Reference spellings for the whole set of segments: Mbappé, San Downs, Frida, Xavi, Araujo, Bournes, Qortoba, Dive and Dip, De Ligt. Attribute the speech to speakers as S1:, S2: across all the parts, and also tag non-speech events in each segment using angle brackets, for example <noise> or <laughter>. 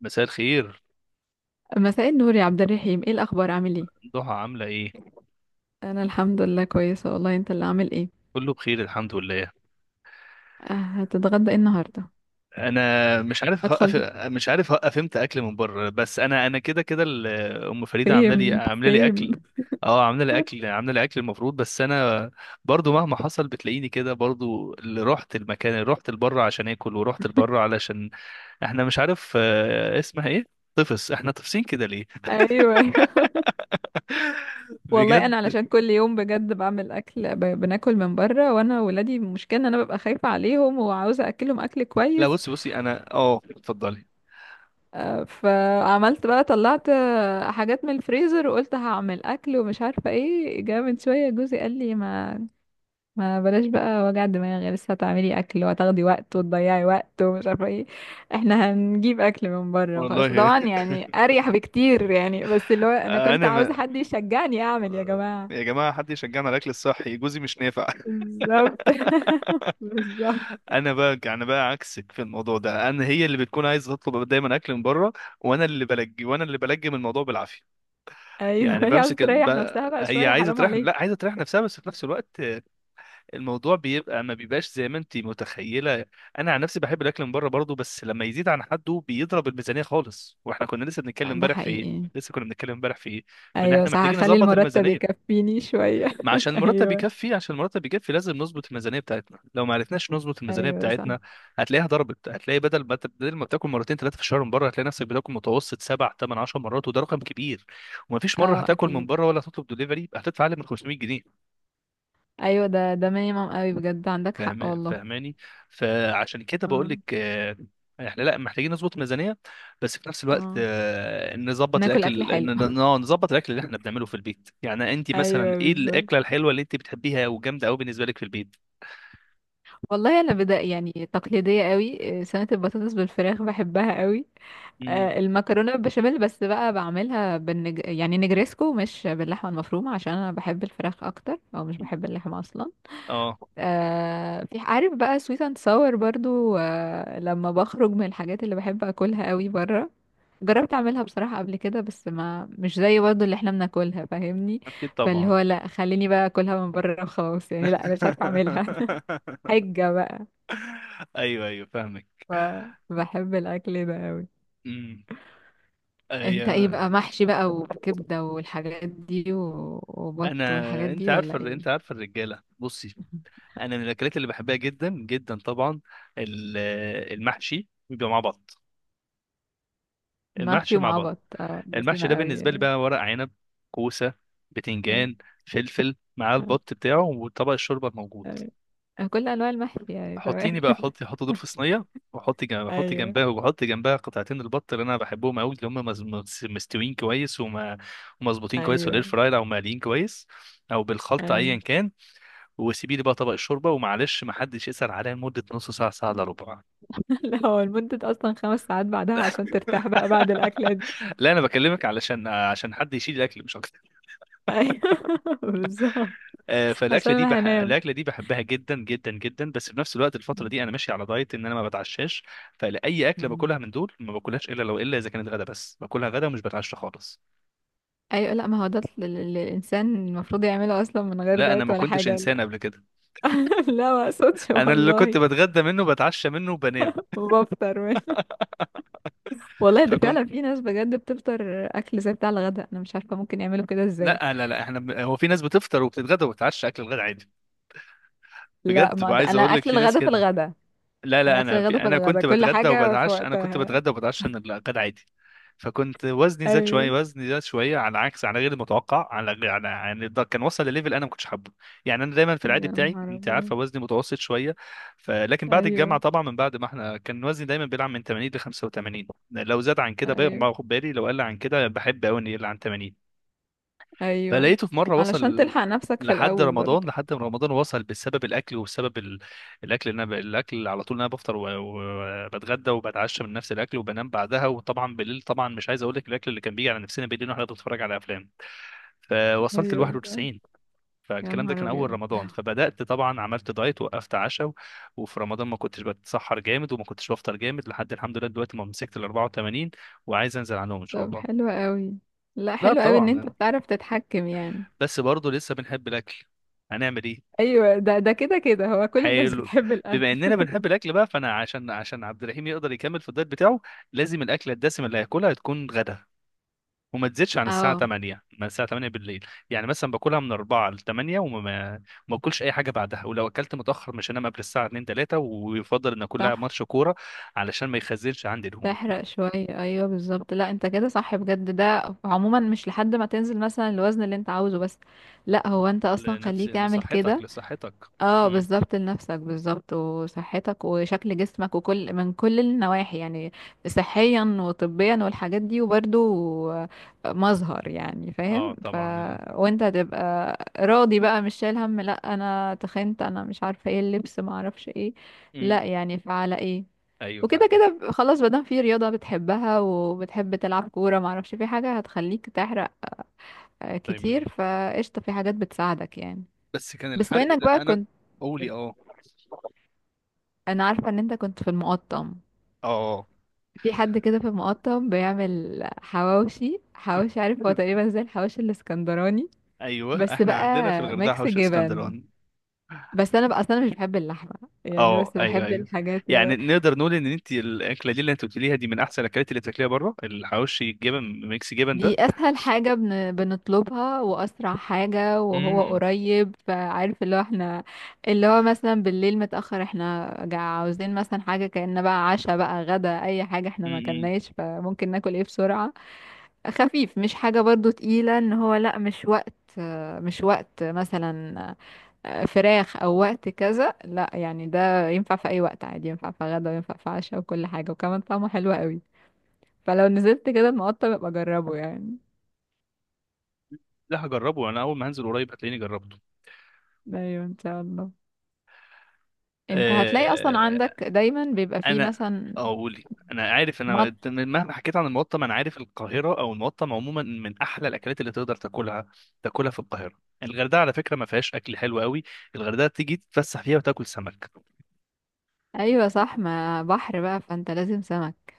S1: مساء الخير.
S2: مساء النور يا عبد الرحيم، ايه الاخبار؟ عامل ايه؟
S1: ضحى عاملة ايه؟
S2: انا الحمد لله كويسه والله. انت اللي عامل ايه؟
S1: كله بخير الحمد لله.
S2: هتتغدى ايه النهارده؟
S1: انا مش عارف هقف
S2: ادخل.
S1: مش عارف هقف امتى اكل من بره، بس انا كده كده، ام فريدة عاملة لي
S2: سيم
S1: عاملة لي
S2: سيم.
S1: اكل. اه عاملة لي اكل المفروض، بس انا برضو مهما حصل بتلاقيني كده. برضو اللي رحت المكان اللي رحت لبره عشان اكل ورحت لبره علشان احنا مش عارف، اسمها ايه؟ طفس، احنا طفسين كده ليه؟
S2: ايوه ايوه. <laughs> والله
S1: بجد.
S2: انا علشان كل يوم بجد بعمل اكل، بناكل من بره، وانا ولادي المشكله ان انا ببقى خايفه عليهم وعاوزه اكلهم اكل
S1: لا،
S2: كويس.
S1: بصي، انا اتفضلي.
S2: فعملت بقى، طلعت حاجات من الفريزر، وقلت هعمل اكل ومش عارفه ايه. جاء من شويه جوزي قال لي، ما بلاش بقى وجع دماغ، لسه هتعملي اكل وهتاخدي وقت وتضيعي وقت ومش عارفه ايه. احنا هنجيب اكل من بره وخلاص.
S1: والله.
S2: طبعا يعني اريح بكتير يعني، بس اللي هو انا
S1: <laughs>
S2: كنت عاوزه
S1: انا
S2: حد يشجعني اعمل، يا جماعه.
S1: يا جماعة حد يشجعنا على الأكل الصحي، جوزي مش نافع. <laughs>
S2: بالظبط. <laughs> بالظبط.
S1: أنا بقى عكسك في الموضوع ده، أنا هي اللي بتكون عايزة تطلب دايما أكل من بره، وأنا اللي بلجم الموضوع بالعافية.
S2: ايوه،
S1: يعني
S2: هي عاوزه
S1: بمسك
S2: تريح نفسها بقى
S1: هي
S2: شويه،
S1: عايزة
S2: حرام
S1: تريح،
S2: عليك.
S1: لا عايزة تريح نفسها، بس في نفس الوقت، الموضوع بيبقى، ما بيبقاش زي ما أنت متخيلة. أنا عن نفسي بحب الأكل من بره برضه، بس لما يزيد عن حده بيضرب الميزانية خالص. وإحنا كنا لسه بنتكلم
S2: ده
S1: امبارح في إيه،
S2: حقيقي.
S1: لسه كنا بنتكلم امبارح في إيه في إن
S2: ايوه
S1: إحنا
S2: صح،
S1: محتاجين
S2: هخلي
S1: نظبط
S2: المرتب
S1: الميزانية.
S2: يكفيني شويه.
S1: ما عشان
S2: <laughs>
S1: المرتب
S2: ايوه.
S1: يكفي، لازم نظبط الميزانيه بتاعتنا. لو ما عرفناش نظبط الميزانيه
S2: ايوه صح.
S1: بتاعتنا هتلاقيها ضربت. هتلاقي بدل ما بتاكل مرتين ثلاثه في الشهر من بره، هتلاقي نفسك بتاكل متوسط سبع ثمان 10 مرات، وده رقم كبير. ومفيش مره
S2: اه
S1: هتاكل من
S2: اكيد.
S1: بره ولا هتطلب دليفري يبقى هتدفع اقل من 500 جنيه.
S2: ايوه، ده مينيمم قوي بجد، عندك حق
S1: فاهم،
S2: والله.
S1: فاهماني. فعشان كده بقول
S2: اه.
S1: لك احنا لا محتاجين نظبط الميزانيه، بس في نفس الوقت
S2: اه،
S1: نظبط
S2: ناكل اكل
S1: الاكل،
S2: حلو.
S1: نظبط الاكل اللي احنا بنعمله في البيت. يعني انت مثلا
S2: ايوه
S1: ايه
S2: بالظبط.
S1: الاكله الحلوه اللي انت بتحبيها وجامده قوي بالنسبه لك في البيت؟
S2: والله انا بدأ يعني تقليديه قوي، سلطه البطاطس بالفراخ بحبها قوي.
S1: مم.
S2: المكرونه بالبشاميل، بس بقى بعملها يعني نجريسكو، مش باللحمه المفرومه، عشان انا بحب الفراخ اكتر، او مش بحب اللحمه اصلا.
S1: اه
S2: في عارف بقى سويت اند ساور برضو. لما بخرج من الحاجات اللي بحب اكلها قوي بره، جربت اعملها بصراحه قبل كده، بس ما مش زي برضو اللي احنا بناكلها، فاهمني؟
S1: اكيد
S2: فاللي
S1: طبعا.
S2: هو لا، خليني بقى اكلها من بره وخلاص يعني، لا انا مش عارفه اعملها. <laughs>
S1: <laughs>
S2: حجه بقى.
S1: ايوه ايوه، فاهمك.
S2: فبحب الاكل ده قوي.
S1: امم.
S2: انت ايه
S1: أيوة.
S2: بقى؟ محشي بقى وكبده والحاجات دي وبط
S1: انا،
S2: والحاجات
S1: انت
S2: دي،
S1: عارفه
S2: ولا
S1: انت
S2: ايه؟
S1: عارفه الرجاله بصي،
S2: <laughs>
S1: انا من الاكلات اللي بحبها جدا جدا طبعا ال- المحشي بيبقى مع بط.
S2: المحشي
S1: المحشي مع
S2: ومع
S1: بط.
S2: بط، اه ده
S1: المحشي ده
S2: سيما قوي
S1: بالنسبه لي
S2: يعني.
S1: بقى ورق عنب، كوسه،
S2: آه،
S1: بتنجان، فلفل، مع
S2: آه،
S1: البط بتاعه وطبق الشوربه الموجود.
S2: <laughs> كل انواع المحشي يعني،
S1: حطيني
S2: تمام.
S1: بقى، حطي دول في صينيه، وحطي جنب
S2: <laughs>
S1: حطي
S2: ايوه
S1: جنبها وحطي جنبها قطعتين البط اللي انا بحبهم قوي، اللي هم مستويين كويس ومظبوطين كويس في الاير
S2: ايوه
S1: فراير او مقليين كويس، او بالخلطه ايا
S2: ايوه.
S1: كان. وسيبي لي بقى طبق الشوربه، ومعلش ما حدش يسال عليا لمده نص ساعه، ساعه الا ربع.
S2: <laughs> لا، هو لمدة اصلا 5 ساعات بعدها عشان ترتاح بقى بعد الاكله دي.
S1: <laughs> لا انا بكلمك علشان، حد يشيل الاكل مش اكتر.
S2: <laughs> ايوه بالظبط، عشان انا هنام.
S1: الاكله دي بحبها جدا جدا جدا، بس في نفس الوقت الفتره دي انا ماشي
S2: <laughs>
S1: على دايت ان انا ما بتعشاش. فلاي اكله
S2: مم.
S1: باكلها من دول ما باكلهاش الا لو، اذا كانت غدا، بس باكلها غدا ومش بتعشى خالص.
S2: ايوه، لا ما هو ده اللي الانسان المفروض يعمله اصلا، من غير
S1: لا انا
S2: دايت
S1: ما
S2: ولا
S1: كنتش
S2: حاجه.
S1: انسان قبل كده،
S2: <laughs> لا، ما اقصدش
S1: انا اللي كنت
S2: والله.
S1: بتغدى منه بتعشى منه وبنام.
S2: وبفطر منه. والله ده
S1: فكنت،
S2: فعلا، في ناس بجد بتفطر اكل زي بتاع الغداء، انا مش عارفه ممكن يعملوا كده ازاي.
S1: لا لا لا، احنا هو في ناس بتفطر وبتتغدى وبتتعشى اكل الغدا عادي.
S2: لا،
S1: بجد
S2: ما ده
S1: عايز
S2: انا
S1: اقول لك
S2: اكل
S1: في ناس
S2: الغداء في
S1: كده.
S2: الغداء.
S1: لا
S2: انا
S1: لا،
S2: اكل الغداء في
S1: انا
S2: الغداء،
S1: كنت
S2: كل
S1: بتغدى
S2: حاجه في
S1: وبتعشى،
S2: وقتها.
S1: من الغدا عادي. فكنت وزني زاد شويه،
S2: ايوه.
S1: على عكس، على غير المتوقع على غير على يعني ده كان وصل لليفل انا ما كنتش حابه. يعني انا دايما في العادي
S2: يا
S1: بتاعي،
S2: نهار
S1: انت
S2: ابيض.
S1: عارفه، وزني متوسط شويه. لكن بعد
S2: ايوه
S1: الجامعه طبعا، من بعد ما احنا كان وزني دايما بيلعب من 80 ل 85. لو زاد عن كده
S2: ايوه
S1: باخد بالي، لو قل عن كده بحب قوي انه يقل عن 80.
S2: ايوه.
S1: فلقيته في مره وصل،
S2: علشان تلحق نفسك في
S1: لحد
S2: الاول برضه.
S1: رمضان لحد ما رمضان وصل بسبب الاكل وبسبب الاكل اللي انا الاكل اللي على طول انا بفطر وبتغدى بتغدى وبتعشى من نفس الاكل وبنام بعدها. وطبعا بالليل طبعا مش عايز اقول لك الاكل اللي كان بيجي على نفسنا بالليل واحنا بنتفرج على افلام. فوصلت ل
S2: ايوه صح.
S1: 91.
S2: يا
S1: فالكلام ده
S2: نهار
S1: كان اول
S2: ابيض.
S1: رمضان، فبدات طبعا عملت دايت وقفت عشاء وفي رمضان ما كنتش بتسحر جامد وما كنتش بفطر جامد، لحد الحمد لله دلوقتي ما مسكت ال 84 وعايز انزل عنهم ان شاء
S2: طب
S1: الله.
S2: حلو قوي. لا،
S1: لا
S2: حلو قوي ان انت
S1: طبعا،
S2: بتعرف تتحكم يعني.
S1: بس برضه لسه بنحب الاكل، هنعمل ايه؟
S2: ايوه، ده كده كده هو كل الناس
S1: حلو.
S2: بتحب
S1: بما
S2: الاكل.
S1: اننا
S2: <laughs>
S1: بنحب الاكل بقى، فانا عشان عبد الرحيم يقدر يكمل في الدايت بتاعه لازم الاكله الدسمه اللي هياكلها تكون غدا، وما تزيدش عن الساعه
S2: اه
S1: 8، من الساعه 8 بالليل، يعني مثلا باكلها من 4 ل 8 وما ما ما اكلش اي حاجه بعدها. ولو اكلت متاخر مش هنام قبل الساعه 2 3، ويفضل ان اكلها
S2: صح.
S1: ماتش كوره علشان ما يخزنش عندي دهون.
S2: تحرق شوية، ايوه بالظبط. لا انت كده صح بجد، ده عموما مش لحد ما تنزل مثلا الوزن اللي انت عاوزه بس. لا هو انت اصلا
S1: لنفسي،
S2: خليك اعمل
S1: لصحتك،
S2: كده.
S1: لصحتك.
S2: اه
S1: امم.
S2: بالظبط، لنفسك بالظبط، وصحتك وشكل جسمك وكل من كل النواحي يعني. صحيا وطبيا والحاجات دي وبرده، مظهر يعني،
S1: اه
S2: فاهم؟
S1: طبعا
S2: وانت هتبقى راضي بقى، مش شايل هم، لا انا تخنت انا مش عارفه ايه اللبس ما اعرفش ايه. لا
S1: امم.
S2: يعني، فعلى ايه.
S1: ايوه
S2: وكده
S1: فاهمك.
S2: كده خلاص، مادام في رياضة بتحبها وبتحب تلعب كورة، معرفش في حاجة هتخليك تحرق
S1: طيب،
S2: كتير، فقشطة، في حاجات بتساعدك يعني.
S1: بس كان
S2: بس بما
S1: الحرق
S2: انك
S1: ده،
S2: بقى
S1: انا.
S2: كنت،
S1: قولي اه.
S2: انا عارفة ان انت كنت في المقطم،
S1: اه.
S2: في حد كده في المقطم بيعمل حواوشي. حواوشي عارف؟ هو
S1: <laughs>
S2: تقريبا زي الحواوشي الاسكندراني،
S1: ايوه
S2: بس
S1: احنا
S2: بقى
S1: عندنا في الغردقه
S2: ميكس
S1: حوش
S2: جبن.
S1: اسكندراني.
S2: بس انا بقى اصلا مش بحب اللحمة يعني،
S1: اه
S2: بس
S1: ايوه
S2: بحب
S1: ايوه.
S2: الحاجات.
S1: يعني نقدر نقول ان انت الاكله دي اللي انت قلتيها دي من احسن الاكلات اللي تاكليها بره، الحواوشي الجبن، ميكس جبن
S2: دي
S1: ده.
S2: اسهل حاجة بنطلبها، واسرع حاجة، وهو
S1: امم.
S2: قريب، فعارف اللي هو احنا، اللي هو مثلا بالليل متأخر، احنا عاوزين مثلا حاجة، كأن بقى عشاء بقى غدا، اي حاجة احنا ما
S1: امم.
S2: اكلناش، فممكن ناكل ايه بسرعة، خفيف، مش حاجة برضو تقيلة، ان هو لا مش وقت، مش وقت مثلا فراخ او وقت كذا، لا يعني ده ينفع في اي وقت عادي، ينفع في غدا وينفع في عشاء وكل حاجة، وكمان طعمه حلو قوي. فلو نزلت كده المقطع يبقى جربه يعني.
S1: لا هجربه، انا اول ما هنزل قريب هتلاقيني جربته.
S2: ايوه ان شاء الله. انت هتلاقي اصلا
S1: آه،
S2: عندك دايما بيبقى فيه
S1: انا،
S2: مثلا.
S1: اقولي، انا عارف،
S2: مط.
S1: مهما حكيت عن المقطم انا عارف القاهره او المقطم عموما من احلى الاكلات اللي تقدر تاكلها، تاكلها في القاهره. الغردقه على فكره ما فيهاش اكل حلو قوي، الغردقه تيجي تتفسح فيها وتاكل سمك.
S2: ايوه صح، ما بحر بقى، فانت لازم سمك،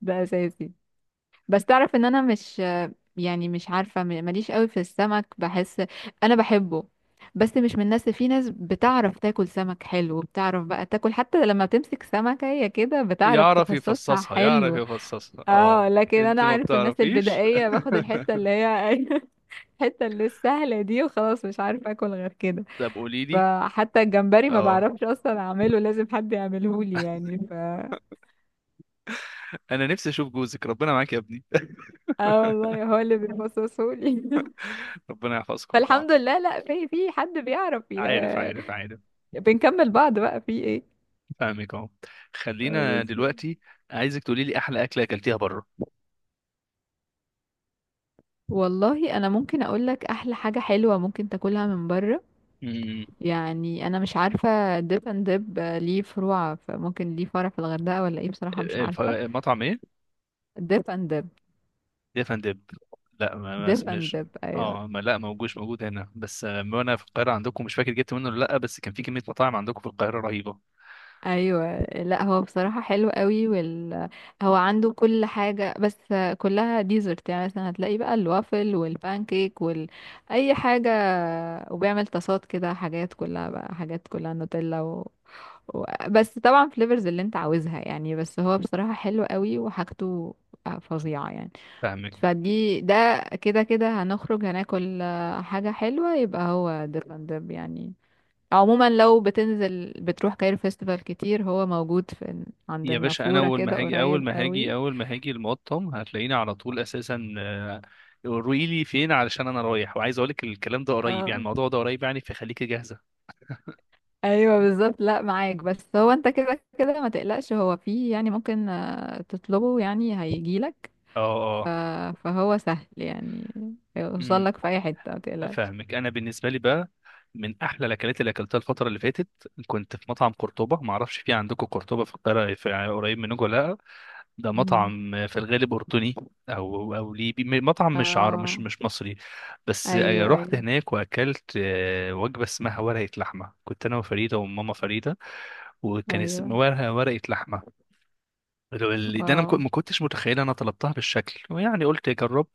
S2: ده اساسي. بس تعرف ان انا مش، يعني مش عارفه ماليش قوي في السمك بحس، انا بحبه، بس مش من الناس. في ناس بتعرف تاكل سمك حلو، بتعرف بقى تاكل، حتى لما بتمسك سمكه هي كده بتعرف
S1: يعرف
S2: تفصصها
S1: يفصصها يعرف
S2: حلو.
S1: يفصصها
S2: اه
S1: اه.
S2: لكن انا،
S1: انت ما
S2: عارف الناس
S1: بتعرفيش.
S2: البدائيه،
S1: <laughs>
S2: باخد الحته اللي هي، <laughs> الحته اللي السهله دي وخلاص، مش عارفه اكل غير كده.
S1: طب قولي لي.
S2: فحتى الجمبري ما
S1: اه.
S2: بعرفش اصلا اعمله، لازم حد يعمله لي يعني، ف
S1: انا نفسي اشوف جوزك، ربنا معاك يا ابني. <laughs>
S2: اه والله، هو اللي بيفصصه لي. <laughs>
S1: ربنا يحفظكم لبعض.
S2: فالحمد لله، لا في حد بيعرف
S1: عارف.
S2: بنكمل بعض بقى، في ايه.
S1: فاهمك اهو. خلينا
S2: بالظبط.
S1: دلوقتي، عايزك تقولي لي احلى اكله اكلتيها
S2: والله انا ممكن اقول لك احلى حاجه حلوه ممكن تاكلها من بره،
S1: بره.
S2: يعني انا مش عارفه ديب اند ديب ليه فروع، فممكن ليه فرع في الغردقه ولا ايه، بصراحه مش عارفه.
S1: مطعم ايه؟
S2: ديب اند ديب.
S1: ديف اند ديب. لا، ما ما
S2: ديب اند
S1: اسمش
S2: ديب ايوه.
S1: اه ما لا موجودش، موجود هنا. بس وانا في القاهره عندكم مش فاكر جبت منه ولا لا، بس كان في كميه مطاعم عندكم في القاهره رهيبه.
S2: ايوه، لا هو بصراحه حلو قوي، هو عنده كل حاجه، بس كلها ديزرت، يعني مثلا هتلاقي بقى الوافل والبانكيك وال اي حاجه، وبيعمل طاسات كده، حاجات كلها نوتيلا بس طبعا فليفرز اللي انت عاوزها يعني، بس هو بصراحه حلو قوي وحاجته فظيعه يعني.
S1: فاهمك.
S2: فدي، ده كده كده هنخرج هناكل حاجه حلوه، يبقى هو ديرلاندب يعني. عموما لو بتنزل بتروح كايرو فيستيفال كتير، هو موجود في عند
S1: يا باشا انا
S2: النافورة
S1: اول
S2: كده،
S1: ما هاجي اول
S2: قريب
S1: ما هاجي
S2: قوي.
S1: اول ما هاجي المقطم هتلاقيني على طول اساسا. قولي لي فين، علشان انا رايح وعايز اقول لك الكلام ده قريب، يعني
S2: اه
S1: الموضوع ده قريب، يعني فخليكي جاهزه.
S2: ايوه بالظبط، لا معاك، بس هو انت كده كده ما تقلقش، هو فيه يعني، ممكن تطلبه يعني هيجيلك. ف...
S1: اه.
S2: فهو سهل يعني، يوصل
S1: اه
S2: لك في اي حتة ما تقلقش.
S1: فاهمك. انا بالنسبه لي بقى، من احلى الاكلات اللي اكلتها الفتره اللي فاتت، كنت في مطعم قرطبه. ما اعرفش في عندكم قرطبه في القاهره في قريب منكم ولا لا. ده
S2: مم.
S1: مطعم في الغالب اردني، او ليبي، مطعم مش عرب، مش
S2: اه
S1: مش مصري. بس
S2: ايوه
S1: رحت
S2: ايوه
S1: هناك واكلت وجبه اسمها ورقه لحمه. كنت انا وفريده وماما فريده. وكان اسم
S2: ايوه.
S1: ورقه لحمه. ده انا
S2: واو.
S1: ما كنتش متخيل انا طلبتها بالشكل، ويعني قلت اجرب.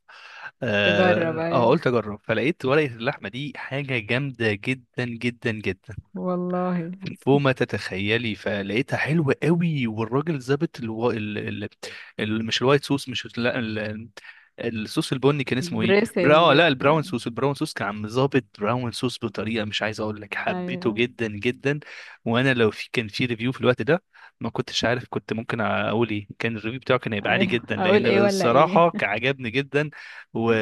S2: تجرب،
S1: اه آه،
S2: ايوه.
S1: قلت اجرب فلقيت ورقه اللحمه دي حاجه جامده جدا جدا جدا،
S2: والله.
S1: فوق ما تتخيلي. فلقيتها حلوة قوي. والراجل ظابط الو... ال... ال... ال... مش الوايت صوص، مش لا، الصوص البني كان اسمه ايه، براو
S2: الدريسنج
S1: لا البراون
S2: بتاع،
S1: صوص، كان عم ظابط براون صوص بطريقة مش عايز اقول لك، حبيته
S2: ايوه.
S1: جدا جدا. وانا لو في، كان في ريفيو في الوقت ده، ما كنتش عارف كنت ممكن اقول ايه، كان الريفيو بتاعه كان هيبقى عالي
S2: ايوه
S1: جدا،
S2: اقول
S1: لان
S2: ايه ولا
S1: الصراحة
S2: ايه.
S1: كان عجبني جدا. و...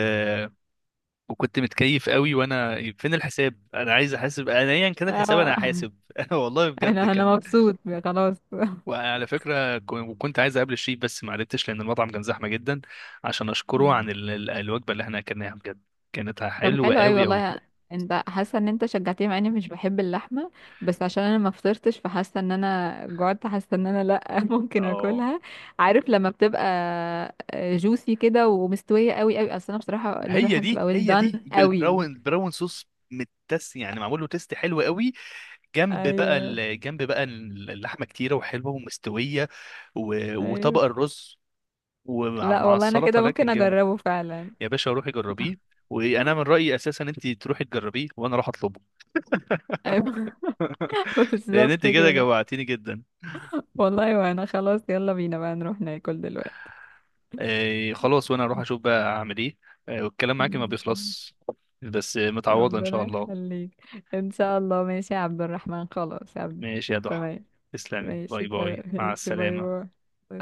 S1: وكنت متكيف قوي. وانا فين الحساب، انا عايز احاسب، انا ايا كان الحساب انا
S2: اه،
S1: هحاسب. <laughs> والله بجد
S2: انا
S1: كان.
S2: مبسوط. خلاص.
S1: وعلى فكره وكنت عايز اقابل الشيف بس ما عرفتش لان المطعم كان زحمه جدا، عشان اشكره
S2: مم.
S1: عن الوجبه اللي احنا اكلناها. بجد كانت
S2: طب
S1: حلوه
S2: حلو أوي
S1: قوي قوي.
S2: والله. انت حاسه ان انت شجعتني، مع اني مش بحب اللحمه، بس عشان انا ما فطرتش، فحاسه ان انا جوعت، حاسه ان انا، لا، <laughs> ممكن
S1: اه
S2: اكلها. عارف لما بتبقى جوسي كده ومستويه قوي قوي، اصل انا بصراحه لازم
S1: هي
S2: حاجه
S1: دي
S2: تبقى ويل
S1: هي
S2: دان
S1: دي
S2: قوي.
S1: بالبراون، براون صوص، متس، يعني معمول له تيست حلو قوي. جنب بقى
S2: ايوه
S1: جنب بقى اللحمه كتيره وحلوه ومستويه
S2: ايوه.
S1: وطبق الرز، ومع
S2: لا
S1: مع
S2: والله، انا
S1: السلطه،
S2: كده
S1: لكن
S2: ممكن
S1: جامد.
S2: اجربه فعلا.
S1: يا باشا روحي جربيه، وانا من رايي اساسا انت تروحي تجربيه وانا اروح اطلبه.
S2: ايوه.
S1: <laughs>
S2: <laughs>
S1: لان
S2: بالظبط
S1: انت كده
S2: كده.
S1: جوعتيني جدا.
S2: والله، وانا خلاص، يلا بينا بقى نروح ناكل.
S1: آه خلاص، وانا اروح
S2: دلوقتي.
S1: اشوف بقى اعمل ايه. آه والكلام معاكي ما بيخلص، بس متعوضه ان شاء
S2: ربنا
S1: الله.
S2: يخليك. ان شاء الله ماشي يا عبد الرحمن، خلاص يا عبد.
S1: ماشي يا ضحى.
S2: تمام.
S1: تسلمي،
S2: ماشي
S1: باي
S2: تمام،
S1: باي مع
S2: ماشي باي
S1: السلامه.
S2: باي.